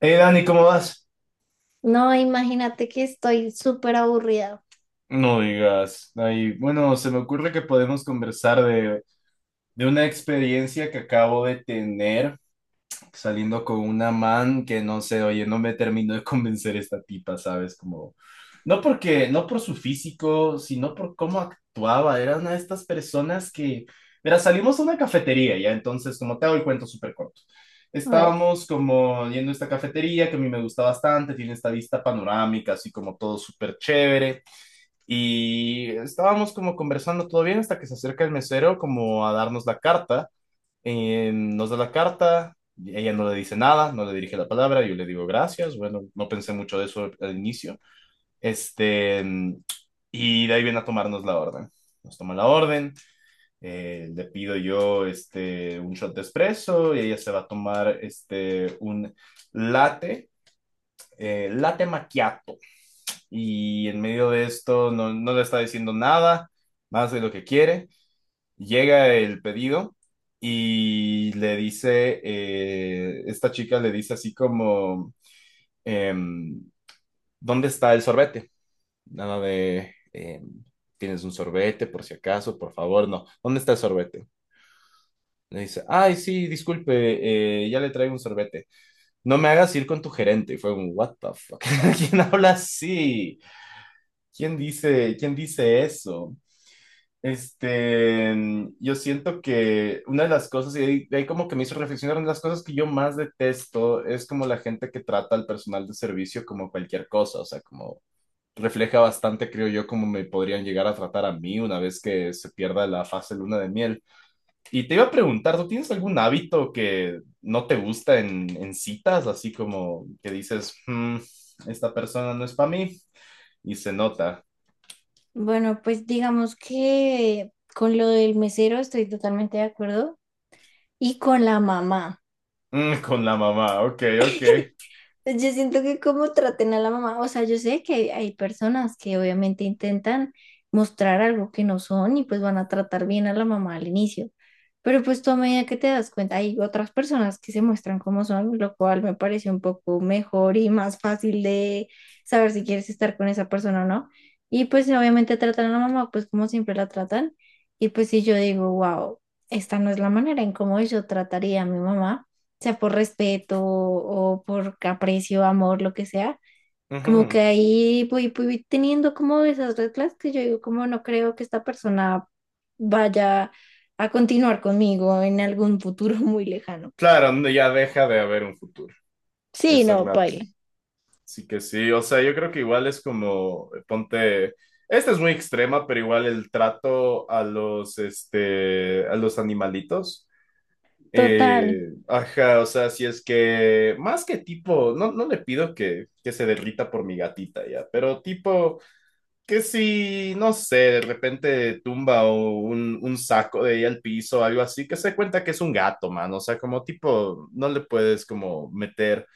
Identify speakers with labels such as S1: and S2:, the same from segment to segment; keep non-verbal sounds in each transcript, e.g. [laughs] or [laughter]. S1: Hey Dani, ¿cómo vas?
S2: No, imagínate que estoy súper aburrida.
S1: No digas. Ahí, bueno, se me ocurre que podemos conversar de una experiencia que acabo de tener. Saliendo con una man que no sé, oye, no me terminó de convencer esta tipa, ¿sabes? Como, no porque, no por su físico, sino por cómo actuaba. Era una de estas personas que, mira, salimos a una cafetería, ya, entonces, como te hago el cuento súper corto.
S2: Ay.
S1: Estábamos como yendo a esta cafetería que a mí me gusta bastante, tiene esta vista panorámica, así como todo súper chévere. Y estábamos como conversando todo bien hasta que se acerca el mesero como a darnos la carta. Nos da la carta, ella no le dice nada, no le dirige la palabra, yo le digo gracias, bueno, no pensé mucho de eso al inicio, este, y de ahí viene a tomarnos la orden. Nos toma la orden, le pido yo un shot de espresso y ella se va a tomar un latte, latte macchiato. Y en medio de esto no, no le está diciendo nada más de lo que quiere. Llega el pedido y le dice, esta chica le dice así como, em, ¿dónde está el sorbete? Nada de, ¿tienes un sorbete por si acaso? Por favor, no. ¿Dónde está el sorbete? Le dice, ay, sí, disculpe, ya le traigo un sorbete. No me hagas ir con tu gerente. Y fue un, what the fuck? [laughs] ¿Quién habla así? ¿Quién dice eso? Yo siento que una de las cosas, y ahí, de ahí como que me hizo reflexionar, una de las cosas que yo más detesto es como la gente que trata al personal de servicio como cualquier cosa, o sea, como refleja bastante, creo yo, como me podrían llegar a tratar a mí una vez que se pierda la fase luna de miel. Y te iba a preguntar, ¿tú tienes algún hábito que no te gusta en citas, así como que dices, "Mm, esta persona no es para mí y se nota".
S2: Bueno, pues digamos que con lo del mesero estoy totalmente de acuerdo y con la mamá.
S1: Mm, con la mamá, ok, ok.
S2: [laughs] Yo siento que como traten a la mamá, o sea, yo sé que hay personas que obviamente intentan mostrar algo que no son y pues van a tratar bien a la mamá al inicio, pero pues tú a medida que te das cuenta, hay otras personas que se muestran como son, lo cual me parece un poco mejor y más fácil de saber si quieres estar con esa persona o no. Y pues obviamente tratan a la mamá pues como siempre la tratan y pues si yo digo, wow, esta no es la manera en cómo yo trataría a mi mamá sea por respeto o por aprecio, amor, lo que sea. Como que
S1: Ujú.
S2: ahí voy teniendo como esas reglas que yo digo, como no creo que esta persona vaya a continuar conmigo en algún futuro [laughs] muy lejano.
S1: Claro, no, ya deja de haber un futuro,
S2: Sí,
S1: ese
S2: no,
S1: rato.
S2: baila.
S1: Así que sí, o sea, yo creo que igual es como, ponte, esta es muy extrema, pero igual el trato a los, a los animalitos.
S2: Total,
S1: Ajá, o sea, si es que, más que tipo, no, no le pido que se derrita por mi gatita ya, pero tipo que si, no sé, de repente tumba o un saco de ella al piso o algo así, que se dé cuenta que es un gato, man. O sea, como tipo, no le puedes como meter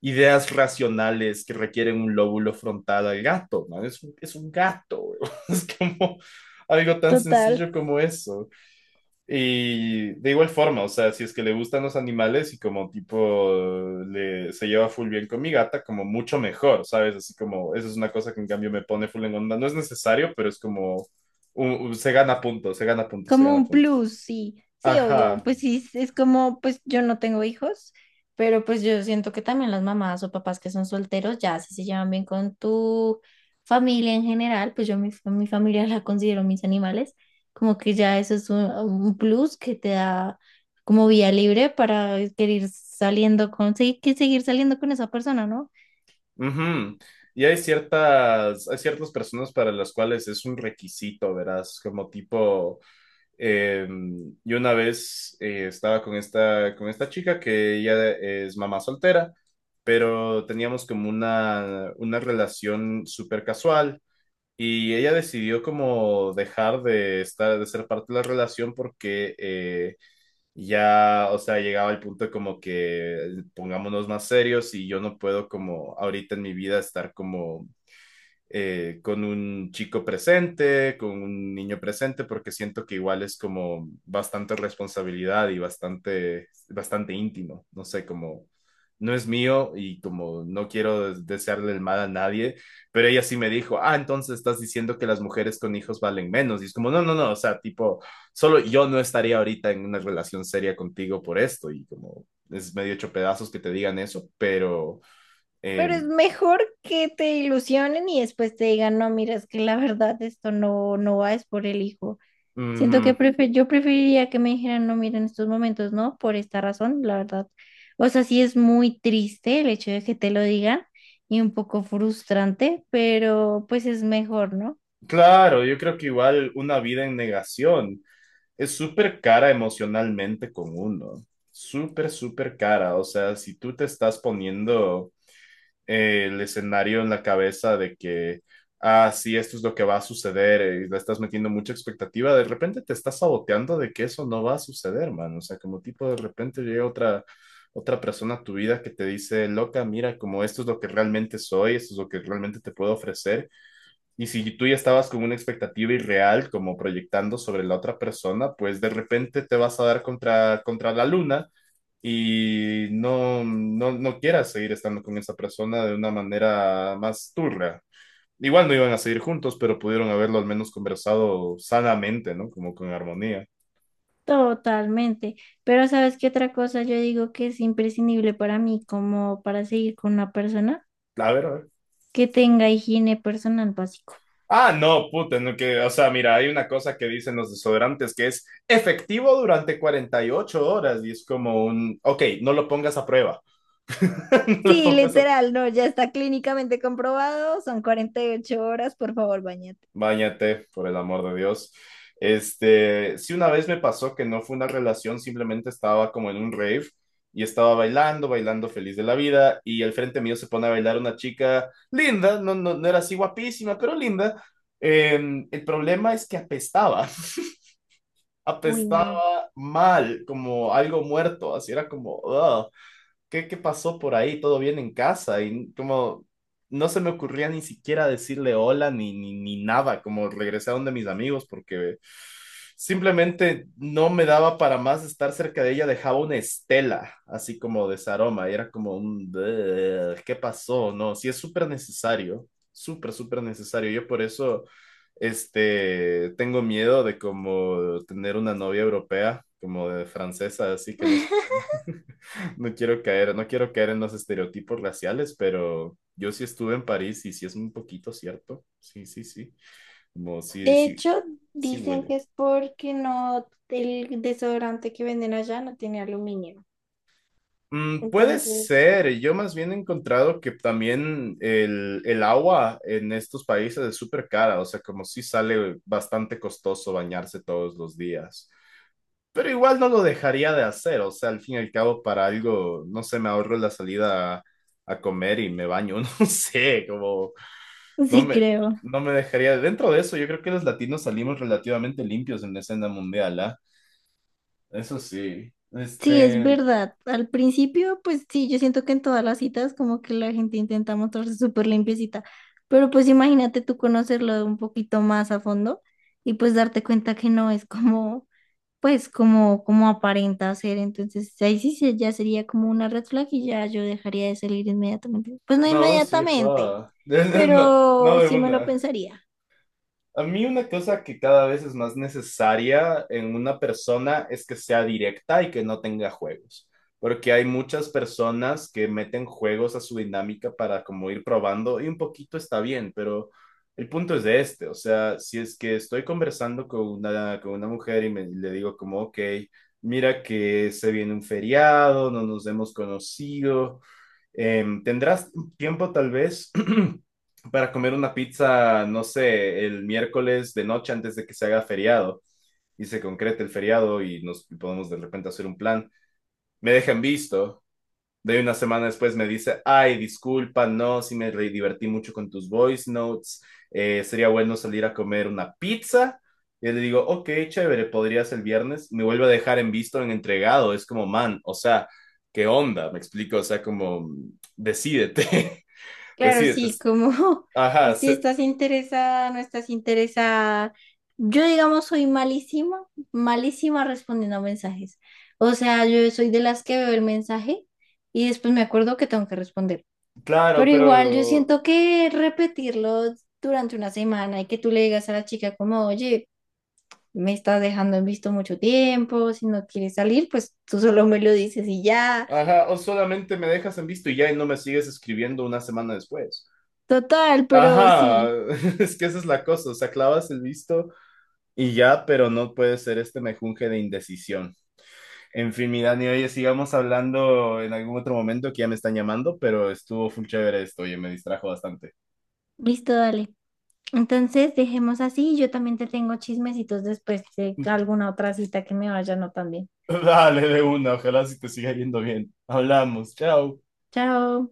S1: ideas racionales que requieren un lóbulo frontal al gato, man. Es, es un gato, [laughs] es como algo tan
S2: total.
S1: sencillo como eso. Y de igual forma, o sea, si es que le gustan los animales y como tipo se lleva full bien con mi gata, como mucho mejor, ¿sabes? Así como, eso es una cosa que en cambio me pone full en onda. No es necesario, pero es como, se gana puntos, se gana puntos, se
S2: Como
S1: gana
S2: un
S1: puntos.
S2: plus, sí, sí, obvio,
S1: Ajá.
S2: pues sí, es como, pues yo no tengo hijos, pero pues yo siento que también las mamás o papás que son solteros, ya si se llevan bien con tu familia en general, pues yo mi, fa- mi familia [laughs] la considero mis animales, como que ya eso es un plus que te da como vía libre para querer saliendo con, sí, que seguir saliendo con esa persona, ¿no?
S1: Ujú. Y hay hay ciertas personas para las cuales es un requisito, verás, como tipo... Eh, y una vez estaba con con esta chica que ella es mamá soltera, pero teníamos como una relación súper casual y ella decidió como dejar de estar, de ser parte de la relación porque ya, o sea, llegaba al punto como que pongámonos más serios y yo no puedo como ahorita en mi vida estar como con un chico presente, con un niño presente, porque siento que igual es como bastante responsabilidad y bastante, bastante íntimo, no sé, como no es mío y como no quiero desearle el mal a nadie, pero ella sí me dijo, ah, entonces estás diciendo que las mujeres con hijos valen menos, y es como, no, no, no, o sea, tipo, solo yo no estaría ahorita en una relación seria contigo por esto, y como es medio hecho pedazos que te digan eso, pero...
S2: Pero
S1: Eh,
S2: es mejor que te ilusionen y después te digan, no, mira, es que la [laughs] verdad esto no, no va, es por el hijo. Siento
S1: ujú.
S2: que prefe- yo preferiría que me dijeran, no, mira, en estos momentos no, por esta razón, la verdad. O sea, sí es muy triste el hecho de que te lo digan y un poco frustrante, pero pues es mejor, ¿no?
S1: Claro, yo creo que igual una vida en negación es súper cara emocionalmente con uno, súper, súper cara. O sea, si tú te estás poniendo el escenario en la cabeza de que, ah, sí, esto es lo que va a suceder y le estás metiendo mucha expectativa, de repente te estás saboteando de que eso no va a suceder, man. O sea, como tipo de repente llega otra persona a tu vida que te dice, loca, mira, como esto es lo que realmente soy, esto es lo que realmente te puedo ofrecer y si tú ya estabas con una expectativa irreal, como proyectando sobre la otra persona, pues de repente te vas a dar contra la luna y no, no, no quieras seguir estando con esa persona de una manera más turra. Igual no iban a seguir juntos, pero pudieron haberlo al menos conversado sanamente, ¿no? Como con armonía.
S2: Totalmente. Pero ¿sabes qué otra cosa yo digo que es imprescindible para mí como para seguir con una persona?
S1: A ver, a ver.
S2: Que tenga higiene personal básico.
S1: Ah, no, puta, no, que, o sea, mira, hay una cosa que dicen los desodorantes que es efectivo durante 48 horas y es como un, ok, no lo pongas a prueba, [laughs] no lo
S2: Sí,
S1: pongas a...
S2: literal, no, ya está clínicamente comprobado, son 48 horas, por favor, bañate.
S1: Báñate, por el amor de Dios. Sí, una vez me pasó que no fue una relación, simplemente estaba como en un rave y estaba bailando, bailando feliz de la vida y al frente mío se pone a bailar una chica linda, no, no, no era así guapísima, pero linda. Eh, el problema es que apestaba, [laughs]
S2: Uy, no.
S1: apestaba mal, como algo muerto, así era como, "Ugh". ¿Qué, qué pasó por ahí? ¿Todo bien en casa? Y como no se me ocurría ni siquiera decirle hola ni nada, como regresé a donde mis amigos porque simplemente no me daba para más estar cerca de ella, dejaba una estela así como de ese aroma y era como un, "Bleh, ¿qué pasó?". No, sí es súper necesario, súper, súper necesario. Yo por eso, tengo miedo de como tener una novia europea, como de francesa, así que no se bañe.
S2: [laughs]
S1: No quiero caer, no quiero caer en los estereotipos raciales, pero yo sí estuve en París y sí es un poquito cierto. Sí, sí, sí. Como sí,
S2: De
S1: sí,
S2: hecho,
S1: sí
S2: dicen
S1: huele.
S2: que es porque no, el desodorante que venden allá no tiene aluminio.
S1: Mm, puede
S2: Entonces,
S1: ser, yo más bien he encontrado que también el agua en estos países es súper cara, o sea, como sí sale bastante costoso bañarse todos los días, pero igual no lo dejaría de hacer, o sea, al fin y al cabo para algo, no sé, me ahorro la salida a comer y me baño, [laughs] no sé, como No
S2: sí,
S1: me,
S2: creo.
S1: no me dejaría. Dentro de eso, yo creo que los latinos salimos relativamente limpios en la escena mundial, ¿ah? Eso sí.
S2: Sí, es
S1: Este.
S2: verdad. Al principio, pues sí, yo siento que en todas las citas como que la gente intenta mostrarse súper limpiecita, pero pues imagínate tú conocerlo un poquito más a fondo y pues darte cuenta que no es como, pues como, como aparenta ser. Entonces ahí sí se- ya sería como una red flag y ya yo dejaría de salir inmediatamente. Pues no
S1: No, sí,
S2: inmediatamente,
S1: joda. [laughs] No, no
S2: pero
S1: de
S2: sí me lo
S1: una.
S2: pensaría.
S1: A mí una cosa que cada vez es más necesaria en una persona es que sea directa y que no tenga juegos, porque hay muchas personas que meten juegos a su dinámica para como ir probando y un poquito está bien, pero el punto es de o sea, si es que estoy conversando con con una mujer y me, le digo como, ok, mira que se viene un feriado, no nos hemos conocido. ¿Tendrás tiempo tal vez [clears throat] para comer una pizza, no sé, el miércoles de noche antes de que se haga feriado y se concrete el feriado y nos y podemos de repente hacer un plan? Me dejan visto. De una semana después me dice, ay, disculpa, no, sí me divertí mucho con tus voice notes, sería bueno salir a comer una pizza. Y le digo, ok, chévere, podrías el viernes. Me vuelve a dejar en visto, en entregado, es como, man, o sea, ¿qué onda? Me explico, o sea, como, decídete, [laughs]
S2: Claro,
S1: decídete.
S2: sí, como
S1: Ajá,
S2: [laughs] si
S1: se-
S2: estás interesada, no estás interesada. Yo, digamos, soy malísima, malísima respondiendo a mensajes. O sea, yo soy de las que veo el mensaje y después me acuerdo que tengo que responder.
S1: claro,
S2: Pero igual yo
S1: pero,
S2: siento que repetirlo durante una semana y que tú le digas a la chica como, oye, me estás dejando en visto mucho tiempo, si no quieres salir, pues tú solo me lo dices y ya.
S1: ajá, o solamente me dejas en visto y ya y no me sigues escribiendo una semana después.
S2: Total, pero
S1: Ajá,
S2: sí,
S1: [laughs] es que esa es la cosa, o sea, clavas el visto y ya, pero no puede ser este mejunje de indecisión. En fin, mi Dani, oye, sigamos hablando en algún otro momento que ya me están llamando, pero estuvo full chévere esto, oye, me distrajo bastante.
S2: listo, dale. Entonces, dejemos así. Yo también te tengo chismecitos después de
S1: [laughs]
S2: alguna otra cita que me vaya no tan bien.
S1: Dale, de una, ojalá si te siga yendo bien. Hablamos, chao.
S2: Chao.